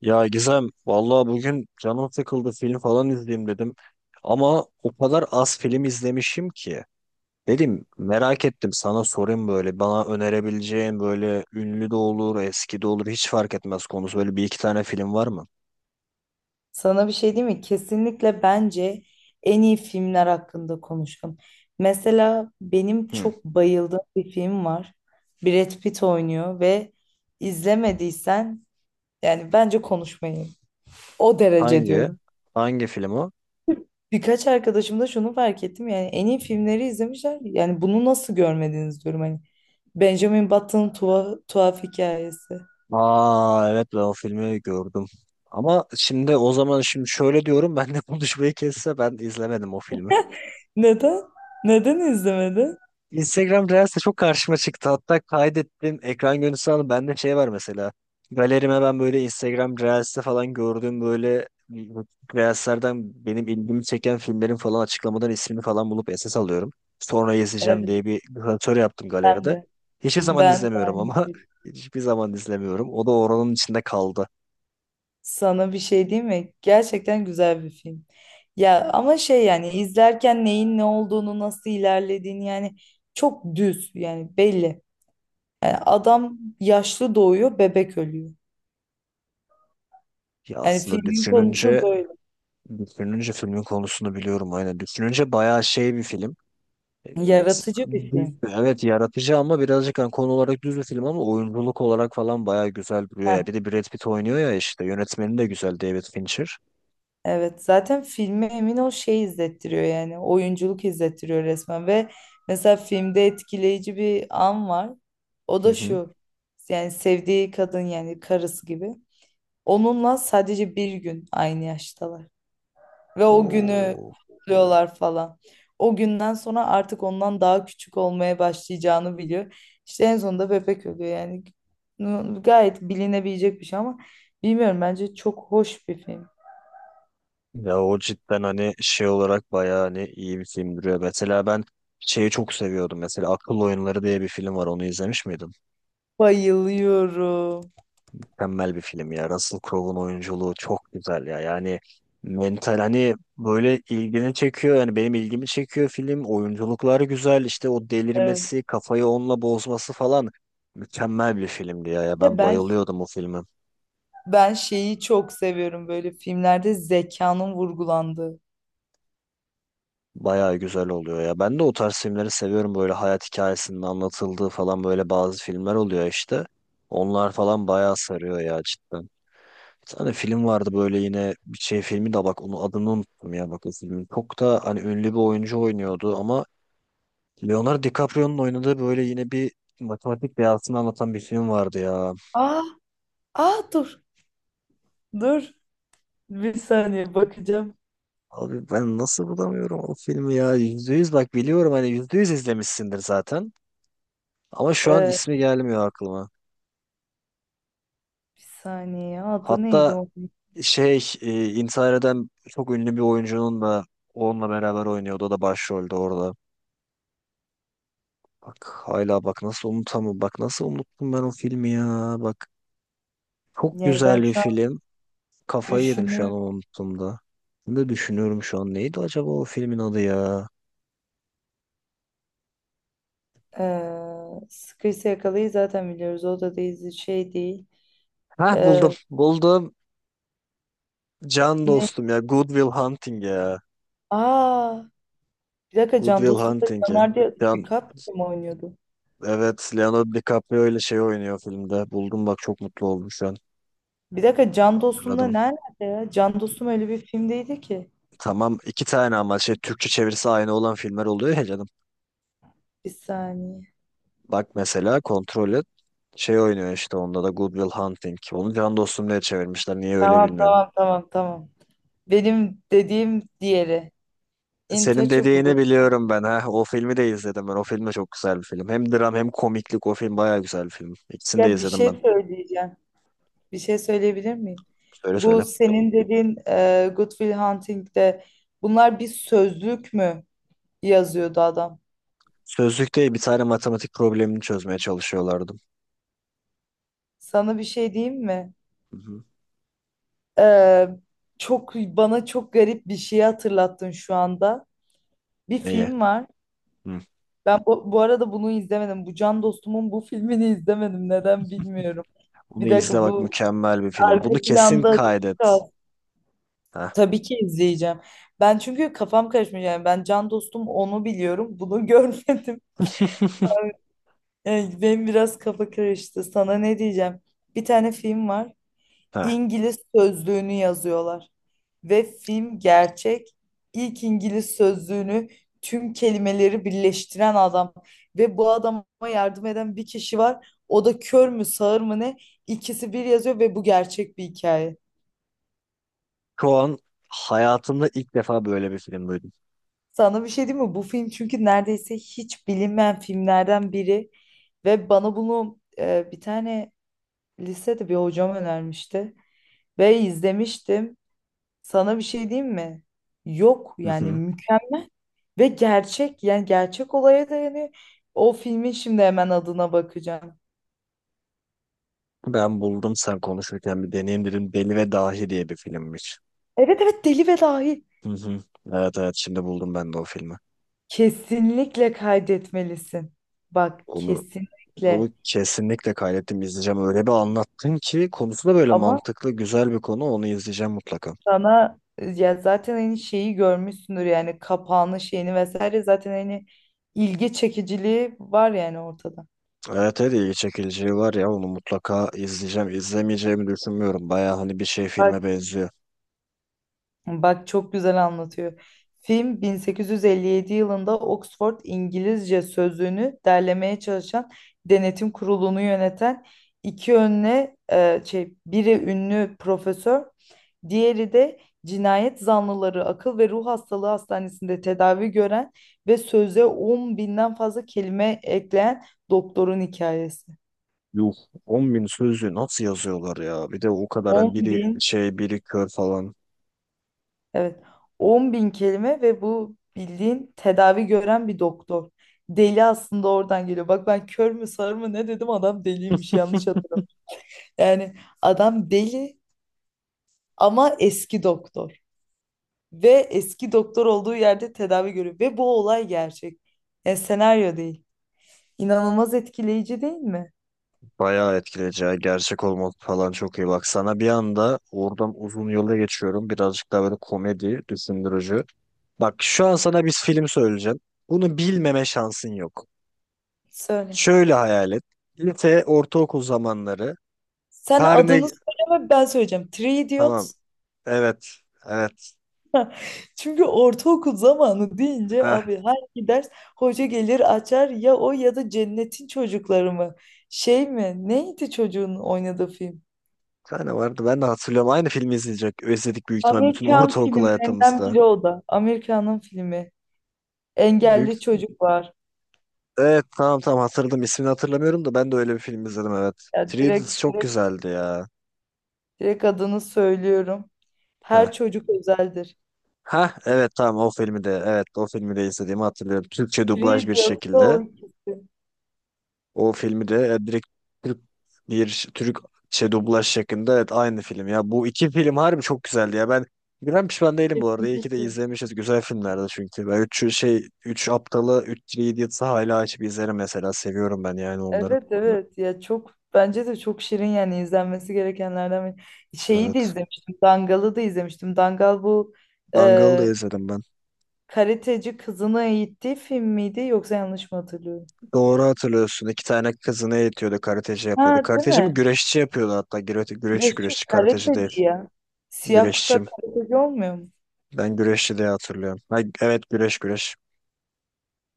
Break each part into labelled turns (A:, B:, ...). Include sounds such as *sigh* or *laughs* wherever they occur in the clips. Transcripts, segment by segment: A: Ya Gizem, vallahi bugün canım sıkıldı, film falan izleyeyim dedim. Ama o kadar az film izlemişim ki. Dedim merak ettim, sana sorayım böyle bana önerebileceğin, böyle ünlü de olur eski de olur hiç fark etmez, konusu böyle bir iki tane film var mı?
B: Sana bir şey diyeyim mi? Kesinlikle bence en iyi filmler hakkında konuşalım. Mesela benim
A: Hı.
B: çok bayıldığım bir film var. Brad Pitt oynuyor ve izlemediysen yani bence konuşmayın. O derece
A: Hangi?
B: diyorum.
A: Hangi film o?
B: Birkaç arkadaşım da şunu fark ettim yani en iyi filmleri izlemişler. Yani bunu nasıl görmediniz diyorum hani. Benjamin Button'ın tuhaf hikayesi.
A: Aa evet, ben o filmi gördüm. Ama şimdi o zaman şimdi şöyle diyorum *laughs* ben de konuşmayı kesse, ben izlemedim o filmi.
B: Neden? Neden izlemedin?
A: Instagram Reels'te çok karşıma çıktı. Hatta kaydettim. Ekran görüntüsü aldım. Bende şey var mesela. Galerime ben böyle Instagram Reels'te falan gördüğüm böyle Reels'lerden benim ilgimi çeken filmlerin falan açıklamadan ismini falan bulup SS alıyorum. Sonra yazacağım
B: Evet,
A: diye bir klasör yaptım
B: ben
A: galeride.
B: de.
A: Hiçbir zaman
B: Ben de
A: izlemiyorum
B: aynı
A: ama
B: şey.
A: *laughs* hiçbir zaman izlemiyorum. O da oranın içinde kaldı.
B: Sana bir şey diyeyim mi? Gerçekten güzel bir film. Ya ama şey, yani izlerken neyin ne olduğunu nasıl ilerlediğini yani çok düz, yani belli. Yani adam yaşlı doğuyor, bebek ölüyor.
A: Ya
B: Yani
A: aslında
B: filmin konusu
A: düşününce
B: böyle.
A: filmin konusunu biliyorum aynen. Düşününce bayağı şey bir film. Evet,
B: Yaratıcı bir film.
A: evet yaratıcı ama birazcık hani konu olarak düz bir film, ama oyunculuk olarak falan bayağı güzel duruyor ya.
B: Heh.
A: Bir de Brad Pitt oynuyor ya, işte yönetmeni de güzel, David Fincher.
B: Evet, zaten filme emin ol şey izlettiriyor, yani oyunculuk izlettiriyor resmen ve mesela filmde etkileyici bir an var, o
A: Hı
B: da
A: hı.
B: şu: yani sevdiği kadın, yani karısı gibi, onunla sadece bir gün aynı yaştalar ve o günü
A: Oo.
B: kutluyorlar falan. O günden sonra artık ondan daha küçük olmaya başlayacağını biliyor. İşte en sonunda bebek ölüyor yani, gayet bilinebilecek bir şey ama bilmiyorum, bence çok hoş bir film.
A: Ya o cidden hani şey olarak bayağı hani iyi bir film duruyor. Mesela ben şeyi çok seviyordum mesela, Akıl Oyunları diye bir film var, onu izlemiş miydin?
B: Bayılıyorum.
A: Mükemmel bir film ya. Russell Crowe'un oyunculuğu çok güzel ya. Yani mental hani böyle ilgini çekiyor. Yani benim ilgimi çekiyor film. Oyunculukları güzel. İşte o
B: Evet.
A: delirmesi, kafayı onunla bozması falan. Mükemmel bir filmdi ya. Ya
B: Ve
A: ben
B: ben
A: bayılıyordum o filme.
B: ben şeyi çok seviyorum, böyle filmlerde zekanın vurgulandığı.
A: Bayağı güzel oluyor ya. Ben de o tarz filmleri seviyorum. Böyle hayat hikayesinin anlatıldığı falan böyle bazı filmler oluyor işte. Onlar falan bayağı sarıyor ya cidden. Bir tane film vardı böyle, yine bir şey filmi de bak, onu adını unuttum ya bak o filmin. Çok da hani ünlü bir oyuncu oynuyordu ama Leonardo DiCaprio'nun oynadığı böyle yine bir matematik beyazını anlatan bir film vardı ya.
B: Aa, aa dur. Dur. Bir saniye bakacağım.
A: Abi ben nasıl bulamıyorum o filmi ya. Yüzde yüz bak biliyorum, hani yüzde yüz izlemişsindir zaten. Ama şu an
B: Ee,
A: ismi gelmiyor aklıma.
B: bir saniye. Adı neydi
A: Hatta
B: o?
A: şey intihar eden çok ünlü bir oyuncunun da onunla beraber oynuyordu. O da başroldü orada. Bak hala bak nasıl unutamam. Bak nasıl unuttum ben o filmi ya. Bak, çok
B: Yani ben
A: güzel bir
B: şu an
A: film. Kafayı yedim şu an
B: düşünüyorum.
A: onu unuttuğumda. Ne düşünüyorum şu an. Neydi acaba o filmin adı ya?
B: Sıkıysa Yakalayı zaten biliyoruz. O da değil, şey değil.
A: Hah, buldum.
B: Ee,
A: Buldum. Can
B: ne?
A: dostum ya. Good Will Hunting ya.
B: Aa, bir dakika,
A: Good
B: Can
A: Will
B: Dostum'da
A: Hunting ya.
B: Leonardo
A: Can
B: DiCaprio mu oynuyordu?
A: evet, Leonardo DiCaprio ile şey oynuyor filmde. Buldum bak, çok mutlu oldum şu an.
B: Bir dakika, Can Dostum'da
A: Hatırladım.
B: nerede ya? Can Dostum öyle bir film değildi ki.
A: Tamam iki tane, ama şey, Türkçe çevirisi aynı olan filmler oluyor ya canım.
B: Bir saniye.
A: Bak mesela, kontrol et. Şey oynuyor işte onda da, Good Will Hunting. Onu Can Dostum diye çevirmişler. Niye öyle
B: Tamam,
A: bilmiyorum.
B: tamam, tamam, tamam. Benim dediğim diğeri.
A: Senin dediğini
B: Intouchable.
A: biliyorum ben. Ha. O filmi de izledim ben. O film de çok güzel bir film. Hem dram hem komiklik. O film bayağı güzel bir film. İkisini de
B: Ya bir
A: izledim
B: şey
A: ben.
B: söyleyeceğim. Bir şey söyleyebilir miyim?
A: Söyle söyle.
B: Bu senin dediğin Good Will Hunting'de bunlar bir sözlük mü yazıyordu adam?
A: Sözlükte bir tane matematik problemini çözmeye çalışıyorlardı.
B: Sana bir şey diyeyim mi?
A: Hı hı.
B: E, çok bana çok garip bir şeyi hatırlattın şu anda. Bir
A: Neyi?
B: film var.
A: Hı.
B: Ben bu arada bunu izlemedim. Bu Can Dostum'un bu filmini izlemedim. Neden bilmiyorum.
A: *laughs* Bunu
B: Bir
A: izle
B: dakika,
A: bak,
B: bu
A: mükemmel bir film. Bunu
B: arka
A: kesin
B: planda açık
A: kaydet.
B: kaldı.
A: Ha.
B: Tabii ki izleyeceğim. Ben çünkü kafam karışmış, yani ben Can Dostum onu biliyorum, bunu *laughs* görmedim.
A: *laughs*
B: Yani benim biraz kafa karıştı. Sana ne diyeceğim? Bir tane film var.
A: Ha.
B: İngiliz sözlüğünü yazıyorlar. Ve film gerçek. İlk İngiliz sözlüğünü tüm kelimeleri birleştiren adam. Ve bu adama yardım eden bir kişi var. O da kör mü, sağır mı, ne? İkisi bir yazıyor ve bu gerçek bir hikaye.
A: Şu an hayatımda ilk defa böyle bir film duydum.
B: Sana bir şey diyeyim mi? Bu film çünkü neredeyse hiç bilinmeyen filmlerden biri ve bana bunu bir tane lisede bir hocam önermişti ve izlemiştim. Sana bir şey diyeyim mi? Yok
A: Hı
B: yani,
A: hı.
B: mükemmel ve gerçek, yani gerçek olaya dayanıyor. O filmin şimdi hemen adına bakacağım.
A: Ben buldum, sen konuşurken bir deneyim dedim. Deli ve Dahi diye bir filmmiş.
B: Evet, evet, Deli ve Dahil.
A: Hı hı. Evet evet, şimdi buldum ben de o filmi.
B: Kesinlikle kaydetmelisin. Bak,
A: Bunu,
B: kesinlikle.
A: bunu kesinlikle kaydettim, izleyeceğim. Öyle bir anlattın ki, konusu da böyle
B: Ama
A: mantıklı güzel bir konu. Onu izleyeceğim mutlaka.
B: sana ya zaten hani şeyi görmüşsündür, yani kapağını şeyini vesaire, zaten hani ilgi çekiciliği var yani, ortada.
A: Evet evet, ilgi çekiciliği var ya, onu mutlaka izleyeceğim. İzlemeyeceğimi düşünmüyorum. Baya hani bir şey filme
B: Bak
A: benziyor.
B: Bak, çok güzel anlatıyor. Film 1857 yılında Oxford İngilizce Sözlüğünü derlemeye çalışan, denetim kurulunu yöneten iki önüne şey, biri ünlü profesör, diğeri de cinayet zanlıları akıl ve ruh hastalığı hastanesinde tedavi gören ve söze 10 binden fazla kelime ekleyen doktorun hikayesi.
A: Yuh, on bin sözü nasıl yazıyorlar ya? Bir de o kadar hani, biri
B: 10.000.
A: şey biri kör falan.
B: Evet. 10 bin kelime ve bu bildiğin tedavi gören bir doktor. Deli aslında oradan geliyor. Bak, ben kör mü sağır mı ne dedim, adam deliymiş, yanlış hatırladım. Yani adam deli ama eski doktor. Ve eski doktor olduğu yerde tedavi görüyor. Ve bu olay gerçek. Yani senaryo değil. İnanılmaz etkileyici değil mi?
A: Bayağı etkileyici ya. Gerçek olması falan çok iyi. Bak sana bir anda oradan uzun yola geçiyorum. Birazcık daha böyle komedi, düşündürücü. Bak şu an sana bir film söyleyeceğim. Bunu bilmeme şansın yok.
B: Söyle.
A: Şöyle hayal et. Lise, ortaokul zamanları.
B: Sen
A: Perne.
B: adını söyleme, ben söyleyeceğim. Three
A: Tamam.
B: Idiots.
A: Evet. Evet.
B: *laughs* Çünkü ortaokul zamanı deyince
A: Heh.
B: abi hangi ders hoca gelir açar ya, o ya da Cennetin Çocukları mı? Şey mi? Neydi çocuğun oynadığı film?
A: Bir tane vardı. Ben de hatırlıyorum. Aynı filmi izleyecek. Özledik büyük ihtimal bütün
B: Amerikan
A: ortaokul
B: filmlerinden
A: hayatımızda.
B: biri o da. Amerikan'ın filmi.
A: Büyük...
B: Engelli çocuk var.
A: Evet tamam tamam hatırladım. İsmini hatırlamıyorum da ben de öyle bir film izledim evet.
B: Ya
A: Three
B: direkt
A: Idiots çok
B: direkt
A: güzeldi ya.
B: direkt adını söylüyorum.
A: Heh.
B: Her çocuk özeldir.
A: Heh, evet tamam, o filmi de, evet o filmi de izlediğimi hatırlıyorum. Türkçe dublaj
B: Free
A: bir
B: diyorsa o
A: şekilde.
B: ikisi.
A: O filmi de direkt Türk bir Türk şey dublaj şeklinde, evet aynı film ya. Bu iki film harbi çok güzeldi ya. Ben pişman değilim bu arada. İyi ki de
B: Kesinlikle.
A: izlemişiz. Güzel filmlerdi çünkü. Ben üç aptalı, 3 Idiots'ı hala açıp izlerim mesela. Seviyorum ben yani onları.
B: Evet, evet, ya çok bence de çok şirin, yani izlenmesi gerekenlerden biri. Şeyi de
A: Evet.
B: izlemiştim, Dangal'ı da izlemiştim. Dangal bu
A: Dangal'ı da
B: e,
A: izledim ben.
B: karateci kızını eğittiği film miydi, yoksa yanlış mı hatırlıyorum?
A: Doğru hatırlıyorsun. İki tane kızını eğitiyordu. Karateci yapıyordu.
B: Ha, değil
A: Karateci mi?
B: mi?
A: Güreşçi yapıyordu hatta. Güreşçi
B: Güreşçi mi?
A: güreşçi. Karateci değil.
B: Karateci ya. Siyah
A: Güreşçi.
B: kuşak karateci olmuyor mu?
A: Ben güreşçi diye hatırlıyorum. Ha, evet, güreş güreş.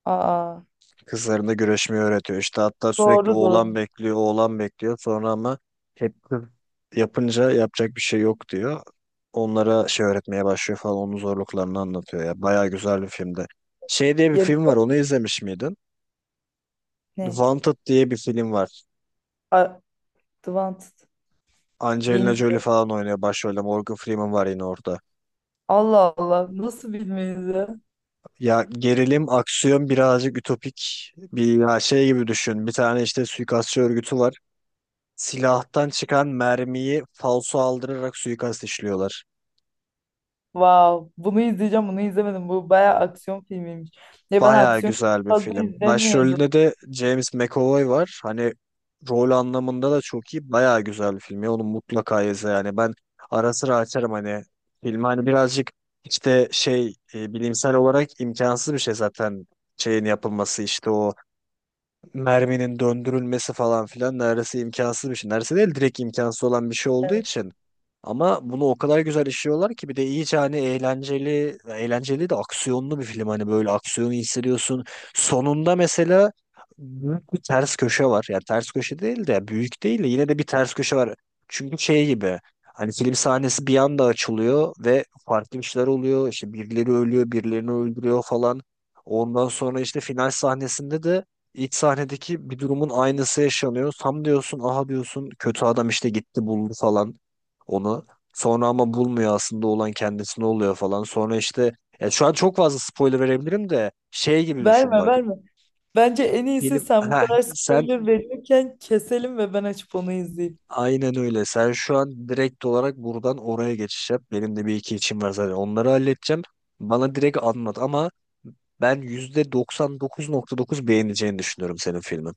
B: Aa,
A: Kızlarına güreşmeyi öğretiyor. İşte hatta sürekli
B: doğru doğru.
A: oğlan bekliyor, oğlan bekliyor. Sonra ama hep kız yapınca, yapacak bir şey yok diyor. Onlara şey öğretmeye başlıyor falan. Onun zorluklarını anlatıyor ya. Bayağı güzel bir filmdi. Şey diye bir
B: Ya,
A: film var. Onu izlemiş miydin?
B: ne?
A: Wanted diye bir film var.
B: Advanced.
A: Angelina Jolie
B: Bilmiyorum.
A: falan oynuyor başrolde. Morgan Freeman var yine orada.
B: Allah Allah, nasıl bilmeyiz ya?
A: Ya gerilim, aksiyon, birazcık ütopik bir ya şey gibi düşün. Bir tane işte suikastçı örgütü var. Silahtan çıkan mermiyi falso aldırarak suikast işliyorlar.
B: Wow, bunu izleyeceğim, bunu izlemedim. Bu bayağı aksiyon filmiymiş. Ya ben
A: Bayağı
B: aksiyon çok
A: güzel bir
B: fazla
A: film.
B: izlemiyordum.
A: Başrolünde de James McAvoy var. Hani rol anlamında da çok iyi. Bayağı güzel bir film. Ya onu mutlaka izle yani. Ben ara sıra açarım hani filmi. Hani birazcık işte şey bilimsel olarak imkansız bir şey zaten, şeyin yapılması, işte o merminin döndürülmesi falan filan, neredeyse imkansız bir şey. Neredeyse değil, direkt imkansız olan bir şey olduğu
B: Evet.
A: için. Ama bunu o kadar güzel işliyorlar ki, bir de iyice hani eğlenceli, eğlenceli de aksiyonlu bir film. Hani böyle aksiyonu hissediyorsun. Sonunda mesela büyük bir ters köşe var. Yani ters köşe değil de, büyük değil de, yine de bir ters köşe var. Çünkü şey gibi, hani film sahnesi bir anda açılıyor ve farklı işler oluyor. İşte birileri ölüyor, birilerini öldürüyor falan. Ondan sonra işte final sahnesinde de İç sahnedeki bir durumun aynısı yaşanıyor. Tam diyorsun aha, diyorsun kötü adam işte gitti buldu falan onu. Sonra ama bulmuyor, aslında olan kendisine oluyor falan. Sonra işte, ya şu an çok fazla spoiler verebilirim de, şey gibi
B: Verme,
A: düşün bak.
B: verme. Bence en iyisi,
A: Film *laughs*
B: sen bu
A: heh,
B: kadar
A: sen
B: spoiler verirken keselim ve ben açıp onu izleyeyim.
A: aynen öyle. Sen şu an direkt olarak buradan oraya geçiş yap. Benim de bir iki içim var zaten. Onları halledeceğim. Bana direkt anlat ama ben %99.9 beğeneceğini düşünüyorum senin filmin.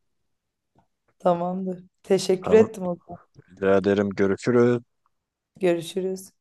B: Tamamdır. Teşekkür
A: Tamam.
B: ettim o zaman.
A: Rica ederim. Görüşürüz.
B: Görüşürüz.